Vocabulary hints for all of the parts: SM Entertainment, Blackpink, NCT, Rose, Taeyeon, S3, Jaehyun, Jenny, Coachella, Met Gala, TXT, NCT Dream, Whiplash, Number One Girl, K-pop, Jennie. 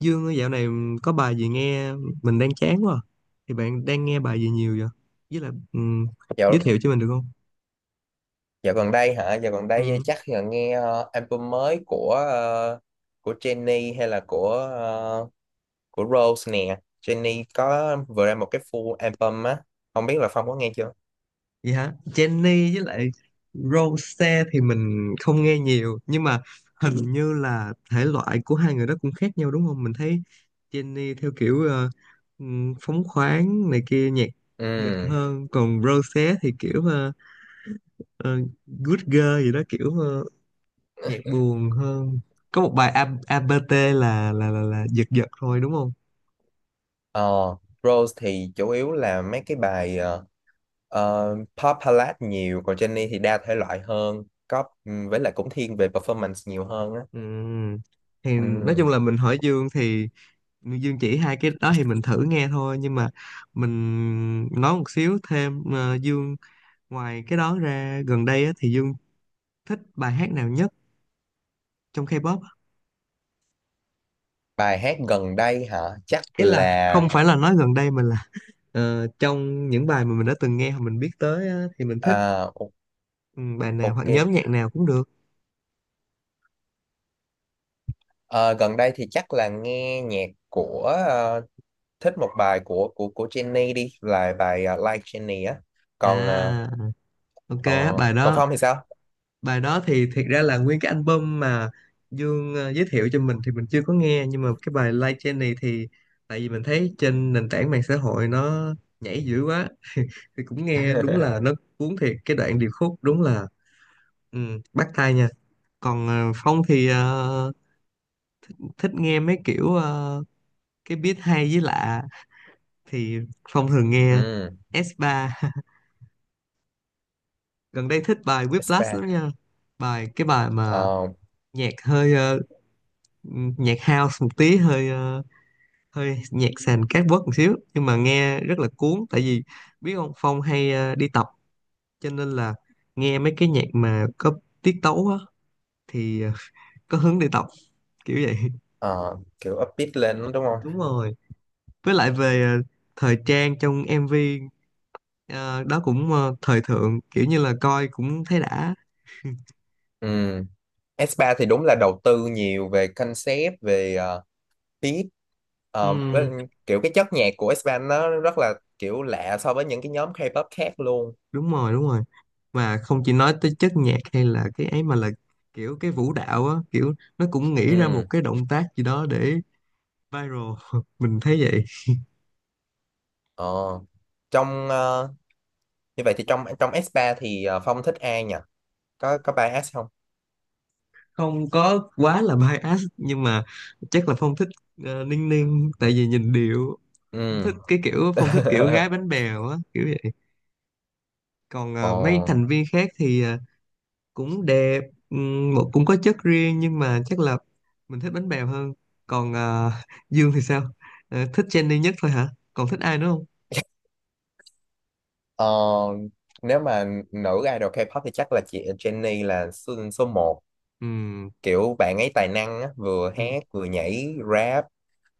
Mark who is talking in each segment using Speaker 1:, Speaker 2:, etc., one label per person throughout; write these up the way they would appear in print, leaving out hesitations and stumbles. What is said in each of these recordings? Speaker 1: Dương ơi, dạo này có bài gì nghe mình đang chán quá à. Thì bạn đang nghe bài gì nhiều vậy? Với lại giới
Speaker 2: Dạo,
Speaker 1: thiệu cho mình được không?
Speaker 2: dạo gần đây hả? Dạo gần đây
Speaker 1: Ừm.
Speaker 2: chắc là nghe album mới của Jennie hay là của Rose nè. Jennie có vừa ra một cái full album á. Không biết là Phong có nghe chưa?
Speaker 1: Vậy hả? Jenny với lại Rose thì mình không nghe nhiều nhưng mà hình như là thể loại của hai người đó cũng khác nhau đúng không? Mình thấy Jenny theo kiểu phóng khoáng này kia, nhạc giật
Speaker 2: Ừ.
Speaker 1: hơn, còn Rose thì kiểu ờ, good girl gì đó, kiểu nhạc buồn hơn. Có một bài ABT là giật giật thôi đúng không?
Speaker 2: Ờ, Rose thì chủ yếu là mấy cái bài pop ballad nhiều, còn Jennie thì đa thể loại hơn, có với lại cũng thiên về performance nhiều hơn á.
Speaker 1: Ừm. Thì nói
Speaker 2: Ừ.
Speaker 1: chung là mình hỏi Dương, thì Dương chỉ hai cái đó thì mình thử nghe thôi, nhưng mà mình nói một xíu thêm Dương, ngoài cái đó ra gần đây á, thì Dương thích bài hát nào nhất trong K-pop á?
Speaker 2: Bài hát gần đây hả? Chắc
Speaker 1: Ý là
Speaker 2: là
Speaker 1: không phải là nói gần đây mà là trong những bài mà mình đã từng nghe hoặc mình biết tới á, thì mình thích,
Speaker 2: à, o-
Speaker 1: ừ, bài nào hoặc
Speaker 2: ok.
Speaker 1: nhóm nhạc nào cũng được.
Speaker 2: Ờ, Gần đây thì chắc là nghe nhạc của ờ, thích một bài của Jenny đi, là bài Like Jenny á. Còn ờ,
Speaker 1: À, ok.
Speaker 2: ờ,
Speaker 1: bài
Speaker 2: còn
Speaker 1: đó
Speaker 2: Phong thì sao?
Speaker 1: bài đó thì thiệt ra là nguyên cái album mà Dương giới thiệu cho mình thì mình chưa có nghe, nhưng mà cái bài Like Jenny thì tại vì mình thấy trên nền tảng mạng xã hội nó nhảy dữ quá, thì cũng nghe đúng là nó cuốn thiệt. Cái đoạn điệp khúc đúng là, ừ, bắt tai nha. Còn Phong thì thích nghe mấy kiểu cái beat hay với lạ, thì Phong thường nghe
Speaker 2: Ừ,
Speaker 1: S3 gần đây thích bài
Speaker 2: S3,
Speaker 1: Whiplash lắm nha. Cái bài mà
Speaker 2: ờ,
Speaker 1: nhạc hơi nhạc house một tí, hơi hơi nhạc sàn cát bớt một xíu nhưng mà nghe rất là cuốn, tại vì biết không, Phong hay đi tập cho nên là nghe mấy cái nhạc mà có tiết tấu á, thì có hứng đi tập kiểu vậy.
Speaker 2: ờ, kiểu upbeat lên đúng không?
Speaker 1: Đúng rồi, với lại về thời trang trong MV ờ, đó cũng thời thượng, kiểu như là coi cũng thấy đã.
Speaker 2: Ừ. S3 thì đúng là đầu tư nhiều về concept, về beat. Ờ, với-
Speaker 1: Ừm.
Speaker 2: Kiểu cái chất nhạc của S3 nó rất là kiểu lạ so với những cái nhóm K-pop khác luôn.
Speaker 1: Đúng rồi, đúng rồi, mà không chỉ nói tới chất nhạc hay là cái ấy mà là kiểu cái vũ đạo á, kiểu nó cũng nghĩ ra một
Speaker 2: Ừ.
Speaker 1: cái động tác gì đó để viral mình thấy vậy.
Speaker 2: Ờ. Trong ờ, Như vậy thì trong trong S3 thì Phong thích ai nhỉ? Có 3S không?
Speaker 1: Không có quá là bias nhưng mà chắc là Phong thích Ninh Ninh, tại vì nhìn điệu. Phong
Speaker 2: Ừ.
Speaker 1: thích cái kiểu, Phong thích kiểu gái bánh bèo á, kiểu vậy. Còn
Speaker 2: Ờ,
Speaker 1: mấy thành viên khác thì cũng đẹp, một cũng có chất riêng nhưng mà chắc là mình thích bánh bèo hơn. Còn Dương thì sao? Ờ, thích Jennie nhất thôi hả? Còn thích ai nữa không?
Speaker 2: ờ, Nếu mà nữ idol K-pop thì chắc là chị Jennie là số 1.
Speaker 1: Ừm.
Speaker 2: Kiểu bạn ấy tài năng á, vừa
Speaker 1: Ừm.
Speaker 2: hát, vừa nhảy, rap,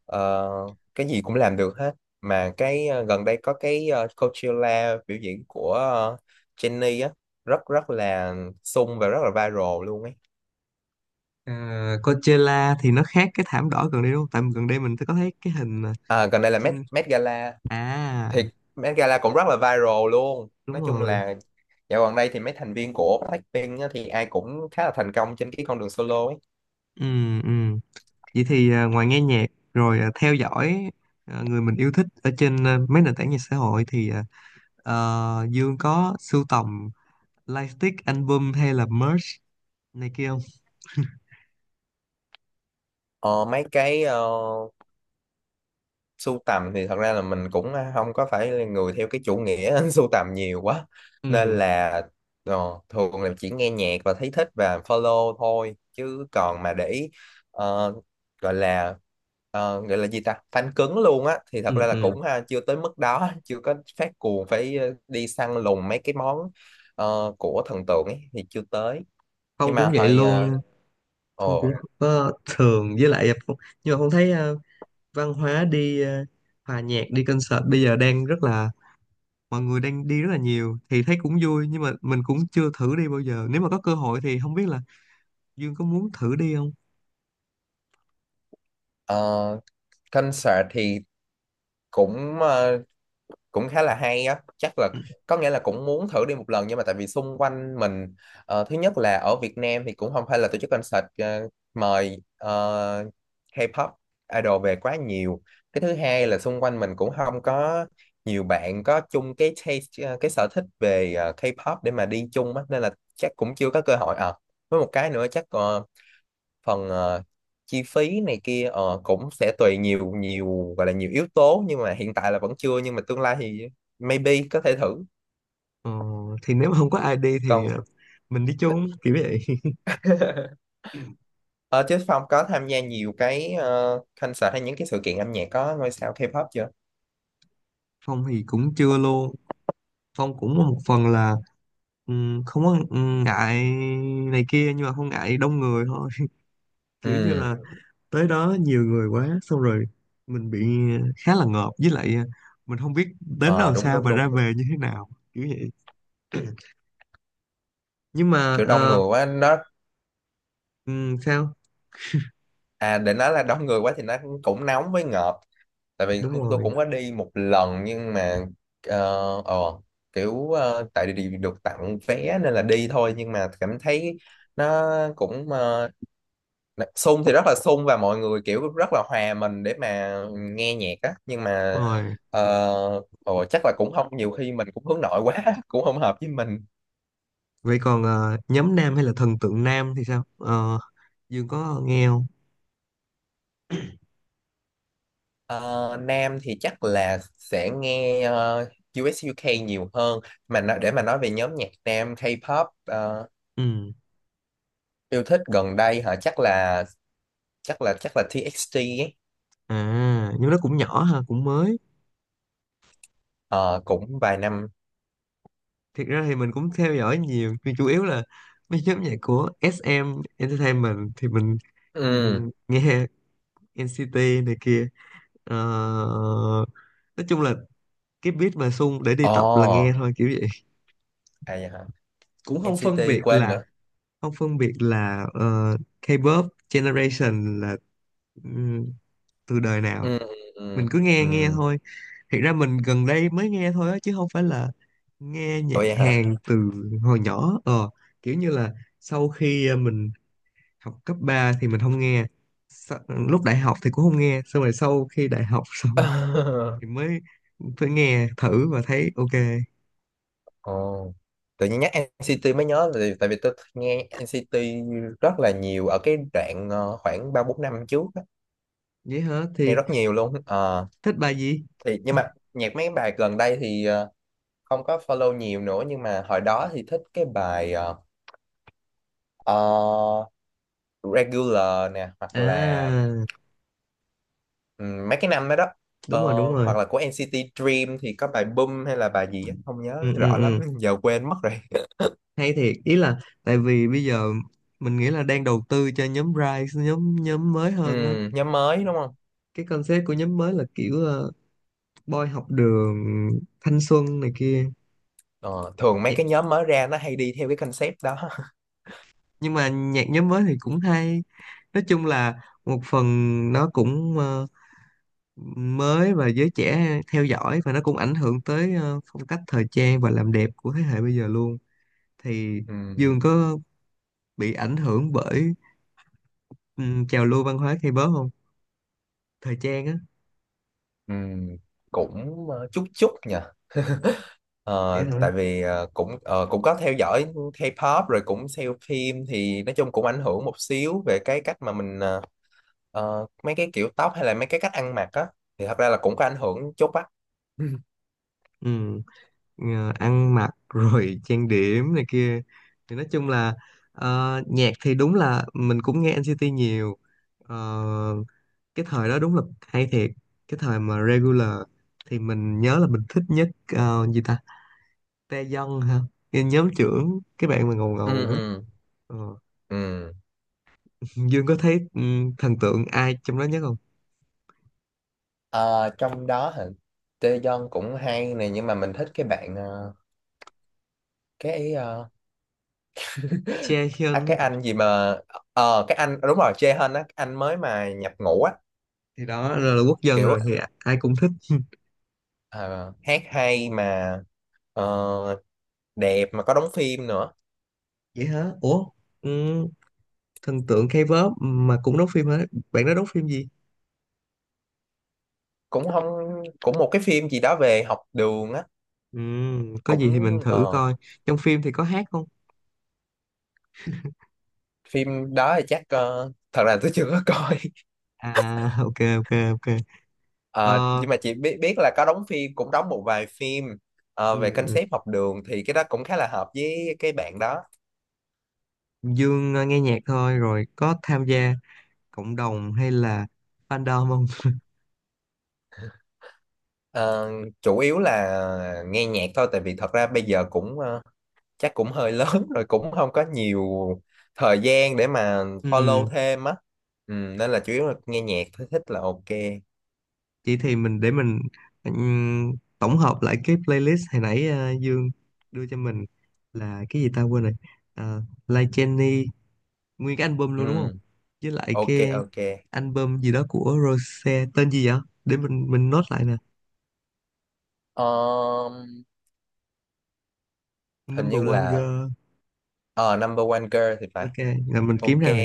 Speaker 2: ờ, cái gì cũng làm được hết. Mà cái, gần đây có cái, Coachella biểu diễn của Jennie á, rất rất là sung và rất là viral luôn ấy.
Speaker 1: Ờ, Coachella thì nó khác cái thảm đỏ gần đây đúng không? Tại gần đây mình có thấy cái hình mà
Speaker 2: À, gần đây là Met,
Speaker 1: trên
Speaker 2: Met Gala,
Speaker 1: à.
Speaker 2: thì Met Gala cũng rất là viral luôn.
Speaker 1: Đúng
Speaker 2: Nói chung
Speaker 1: rồi.
Speaker 2: là dạo gần đây thì mấy thành viên của Blackpink á, thì ai cũng khá là thành công trên cái con đường solo ấy.
Speaker 1: Ừ, ừ. Vậy thì ngoài nghe nhạc rồi, theo dõi, người mình yêu thích ở trên mấy nền tảng mạng xã hội thì, Dương có sưu tầm lightstick, album hay là merch này kia không?
Speaker 2: Ờ, Mấy cái, sưu tầm thì thật ra là mình cũng không có phải là người theo cái chủ nghĩa sưu tầm nhiều quá, nên
Speaker 1: Ừ,
Speaker 2: là thường là chỉ nghe nhạc và thấy thích và follow thôi, chứ còn mà để ý, ờ, gọi là gọi là gì ta, fan cứng luôn á, thì thật
Speaker 1: ừ,
Speaker 2: ra là
Speaker 1: ừ.
Speaker 2: cũng ha, chưa tới mức đó. Chưa có phát cuồng phải đi săn lùng mấy cái món của thần tượng ấy thì chưa tới. Nhưng
Speaker 1: Phong
Speaker 2: mà
Speaker 1: cũng vậy
Speaker 2: hồi ờ,
Speaker 1: luôn. Phong cũng
Speaker 2: ồ
Speaker 1: không có thường với lại Phong, nhưng mà Phong thấy văn hóa đi hòa nhạc, đi concert bây giờ đang rất là, mọi người đang đi rất là nhiều, thì thấy cũng vui nhưng mà mình cũng chưa thử đi bao giờ. Nếu mà có cơ hội thì không biết là Dương có muốn thử đi không?
Speaker 2: ờ, Concert thì cũng ờ, cũng khá là hay á, chắc là
Speaker 1: Ừ.
Speaker 2: có nghĩa là cũng muốn thử đi một lần, nhưng mà tại vì xung quanh mình thứ nhất là ở Việt Nam thì cũng không phải là tổ chức concert mời K-pop idol về quá nhiều. Cái thứ hai là xung quanh mình cũng không có nhiều bạn có chung cái taste, cái sở thích về K-pop để mà đi chung á, nên là chắc cũng chưa có cơ hội à. Với một cái nữa chắc phần chi phí này kia cũng sẽ tùy nhiều, nhiều gọi là nhiều yếu tố, nhưng mà hiện tại là vẫn chưa, nhưng mà tương lai thì maybe có thể thử.
Speaker 1: Ờ, thì nếu mà không có ai đi thì
Speaker 2: Còn
Speaker 1: mình đi chung kiểu vậy
Speaker 2: ờ, chứ Phong có tham gia nhiều cái concert hay những cái sự kiện âm nhạc có ngôi sao K-pop chưa?
Speaker 1: Phong thì cũng chưa luôn. Phong cũng một phần là không có ngại này kia nhưng mà không ngại đông người thôi kiểu như
Speaker 2: Ừ.
Speaker 1: là tới đó nhiều người quá xong rồi mình bị khá là ngợp, với lại mình không biết đến
Speaker 2: ờ
Speaker 1: đâu
Speaker 2: Đúng,
Speaker 1: sao
Speaker 2: đúng,
Speaker 1: và ra
Speaker 2: đúng.
Speaker 1: về như thế nào kiểu vậy. Nhưng mà
Speaker 2: Kiểu đông người quá nó,
Speaker 1: sao.
Speaker 2: à, để nói là đông người quá thì nó cũng nóng với ngợp. Tại vì
Speaker 1: Đúng
Speaker 2: tôi
Speaker 1: rồi,
Speaker 2: cũng có đi một lần, nhưng mà ờ ờ, kiểu, tại vì được tặng vé nên là đi thôi, nhưng mà cảm thấy nó cũng, sung thì rất là sung và mọi người kiểu rất là hòa mình để mà nghe nhạc á, nhưng
Speaker 1: đúng
Speaker 2: mà
Speaker 1: rồi.
Speaker 2: ờ, chắc là cũng không, nhiều khi mình cũng hướng nội quá cũng không hợp với mình.
Speaker 1: Vậy còn nhóm nam hay là thần tượng nam thì sao? Ờ, Dương có nghe không?
Speaker 2: Ờ, Nam thì chắc là sẽ nghe US UK nhiều hơn. Mà nó, để mà nói về nhóm nhạc Nam K-pop
Speaker 1: Ừ.
Speaker 2: yêu thích gần đây hả, chắc là TXT ấy.
Speaker 1: À, nhưng nó cũng nhỏ ha, cũng mới.
Speaker 2: Ờ, cũng vài năm.
Speaker 1: Thiệt ra thì mình cũng theo dõi nhiều, nhưng chủ yếu là mấy nhóm nhạc của SM Entertainment thì mình,
Speaker 2: Ừ.
Speaker 1: nghe NCT này kia. Ờ, nói chung là cái beat mà sung để đi
Speaker 2: Ồ.
Speaker 1: tập là nghe thôi kiểu vậy.
Speaker 2: À, vậy hả?
Speaker 1: Cũng không phân
Speaker 2: NCT
Speaker 1: biệt
Speaker 2: quên
Speaker 1: là,
Speaker 2: nữa.
Speaker 1: K-pop generation là, ừm, từ đời nào.
Speaker 2: Ừ, ừ,
Speaker 1: Mình
Speaker 2: ừ,
Speaker 1: cứ nghe nghe
Speaker 2: ừ.
Speaker 1: thôi. Thiệt ra mình gần đây mới nghe thôi á, chứ không phải là nghe
Speaker 2: Ủa,
Speaker 1: nhạc
Speaker 2: vậy hả?
Speaker 1: Hàn từ hồi nhỏ ờ, kiểu như là sau khi mình học cấp 3 thì mình không nghe. Lúc đại học thì cũng không nghe, xong rồi sau khi đại học xong thì mới, mới nghe thử và thấy ok.
Speaker 2: Ồ, tự nhiên nhắc NCT mới nhớ, tại tại vì tôi nghe NCT rất là nhiều ở cái đoạn, khoảng 3 4 năm trước á.
Speaker 1: Vậy hả,
Speaker 2: Nghe
Speaker 1: thì
Speaker 2: rất nhiều luôn. Ờ,
Speaker 1: thích bài gì?
Speaker 2: thì nhưng mà nhạc mấy bài gần đây thì không có follow nhiều nữa, nhưng mà hồi đó thì thích cái bài ờ, Regular nè, hoặc là
Speaker 1: À,
Speaker 2: mấy cái năm đó đó.
Speaker 1: đúng
Speaker 2: Ờ,
Speaker 1: rồi, đúng rồi.
Speaker 2: Hoặc là của NCT Dream thì có bài Boom hay là bài gì á, không nhớ
Speaker 1: Ừ, ừ,
Speaker 2: rõ lắm,
Speaker 1: ừ.
Speaker 2: giờ quên mất rồi.
Speaker 1: Hay thiệt. Ý là tại vì bây giờ mình nghĩ là đang đầu tư cho nhóm Rise, nhóm nhóm mới hơn á.
Speaker 2: Nhóm mới đúng không?
Speaker 1: Cái concept của nhóm mới là kiểu Boy học đường, thanh xuân này kia.
Speaker 2: Ờ, Thường mấy
Speaker 1: Nhạc-
Speaker 2: cái nhóm mới ra nó hay đi theo cái concept đó.
Speaker 1: nhưng mà nhạc nhóm mới thì cũng hay, nói chung là một phần nó cũng mới và giới trẻ theo dõi, và nó cũng ảnh hưởng tới phong cách thời trang và làm đẹp của thế hệ bây giờ luôn. Thì Dương
Speaker 2: Ừm,
Speaker 1: có bị ảnh hưởng bởi trào lưu văn hóa K-pop không? Thời trang á.
Speaker 2: ừm, cũng chút chút nhỉ.
Speaker 1: Vậy
Speaker 2: Ờ,
Speaker 1: hả?
Speaker 2: Tại vì cũng, cũng có theo dõi K-pop rồi cũng xem phim, thì nói chung cũng ảnh hưởng một xíu về cái cách mà mình, mấy cái kiểu tóc hay là mấy cái cách ăn mặc á, thì thật ra là cũng có ảnh hưởng chút á. Ừ,
Speaker 1: Ừ. Ờ, ăn mặc rồi trang điểm này kia. Thì nói chung là nhạc thì đúng là mình cũng nghe NCT nhiều. Ờ, cái thời đó đúng là hay thiệt. Cái thời mà regular thì mình nhớ là mình thích nhất gì ta, Taeyeon ha, cái nhóm trưởng, cái bạn mà ngầu ngầu
Speaker 2: ừ,
Speaker 1: đó.
Speaker 2: ừ,
Speaker 1: Ờ.
Speaker 2: ừ.
Speaker 1: Dương có thấy, ừ, thần tượng ai trong đó nhất không?
Speaker 2: Ờ, Trong đó hả? Taeyeon cũng hay này, nhưng mà mình thích cái bạn, cái ờ, à,
Speaker 1: Jaehyun á.
Speaker 2: cái anh gì mà, cái anh đúng rồi, Jaehyun á, cái anh mới mà nhập ngũ á,
Speaker 1: Thì đó là quốc dân
Speaker 2: kiểu
Speaker 1: rồi thì ai cũng thích.
Speaker 2: ờ, hát hay mà ờ, đẹp mà có đóng phim nữa.
Speaker 1: Vậy hả, ủa? Ừ, thần tượng K-pop mà cũng đóng phim hả? Bạn đó đóng phim gì?
Speaker 2: Cũng không, cũng một cái phim gì đó về học đường á,
Speaker 1: Ừ, có gì
Speaker 2: cũng,
Speaker 1: thì mình thử
Speaker 2: ờ,
Speaker 1: coi. Trong phim thì có hát không?
Speaker 2: phim đó thì chắc thật là tôi chưa có coi.
Speaker 1: À, ok, ok, ok.
Speaker 2: Ờ,
Speaker 1: Ờ,
Speaker 2: nhưng mà chị biết biết là có đóng phim, cũng đóng một vài phim
Speaker 1: ừ,
Speaker 2: về
Speaker 1: ừ.
Speaker 2: concept học đường, thì cái đó cũng khá là hợp với cái bạn đó.
Speaker 1: Dương nghe nhạc thôi, rồi có tham gia cộng đồng hay là fandom không?
Speaker 2: Ờ, Chủ yếu là nghe nhạc thôi, tại vì thật ra bây giờ cũng, chắc cũng hơi lớn rồi cũng không có nhiều thời gian để mà follow
Speaker 1: Ừ,
Speaker 2: thêm á. Ừ, nên là chủ yếu là nghe nhạc thôi, thích là ok.
Speaker 1: vậy thì mình để mình ừm, tổng hợp lại cái playlist hồi nãy Dương đưa cho mình là cái gì ta quên rồi. Like Jenny, nguyên cái album luôn đúng không?
Speaker 2: Ừ,
Speaker 1: Với lại
Speaker 2: ok.
Speaker 1: cái
Speaker 2: Ok.
Speaker 1: album gì đó của Rose, tên gì vậy? Để mình note lại nè.
Speaker 2: Ờm, Hình
Speaker 1: Number
Speaker 2: như
Speaker 1: One
Speaker 2: là,
Speaker 1: Girl.
Speaker 2: ờ, number one girl thì phải.
Speaker 1: Ok, rồi mình kiếm
Speaker 2: Ok.
Speaker 1: ra rồi.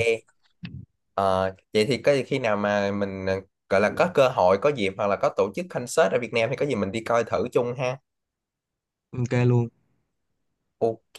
Speaker 2: Ờ, Vậy thì có khi nào mà mình, gọi là có cơ hội, có dịp hoặc là có tổ chức concert ở Việt Nam thì có gì mình đi coi thử chung ha.
Speaker 1: Ok luôn.
Speaker 2: Ok.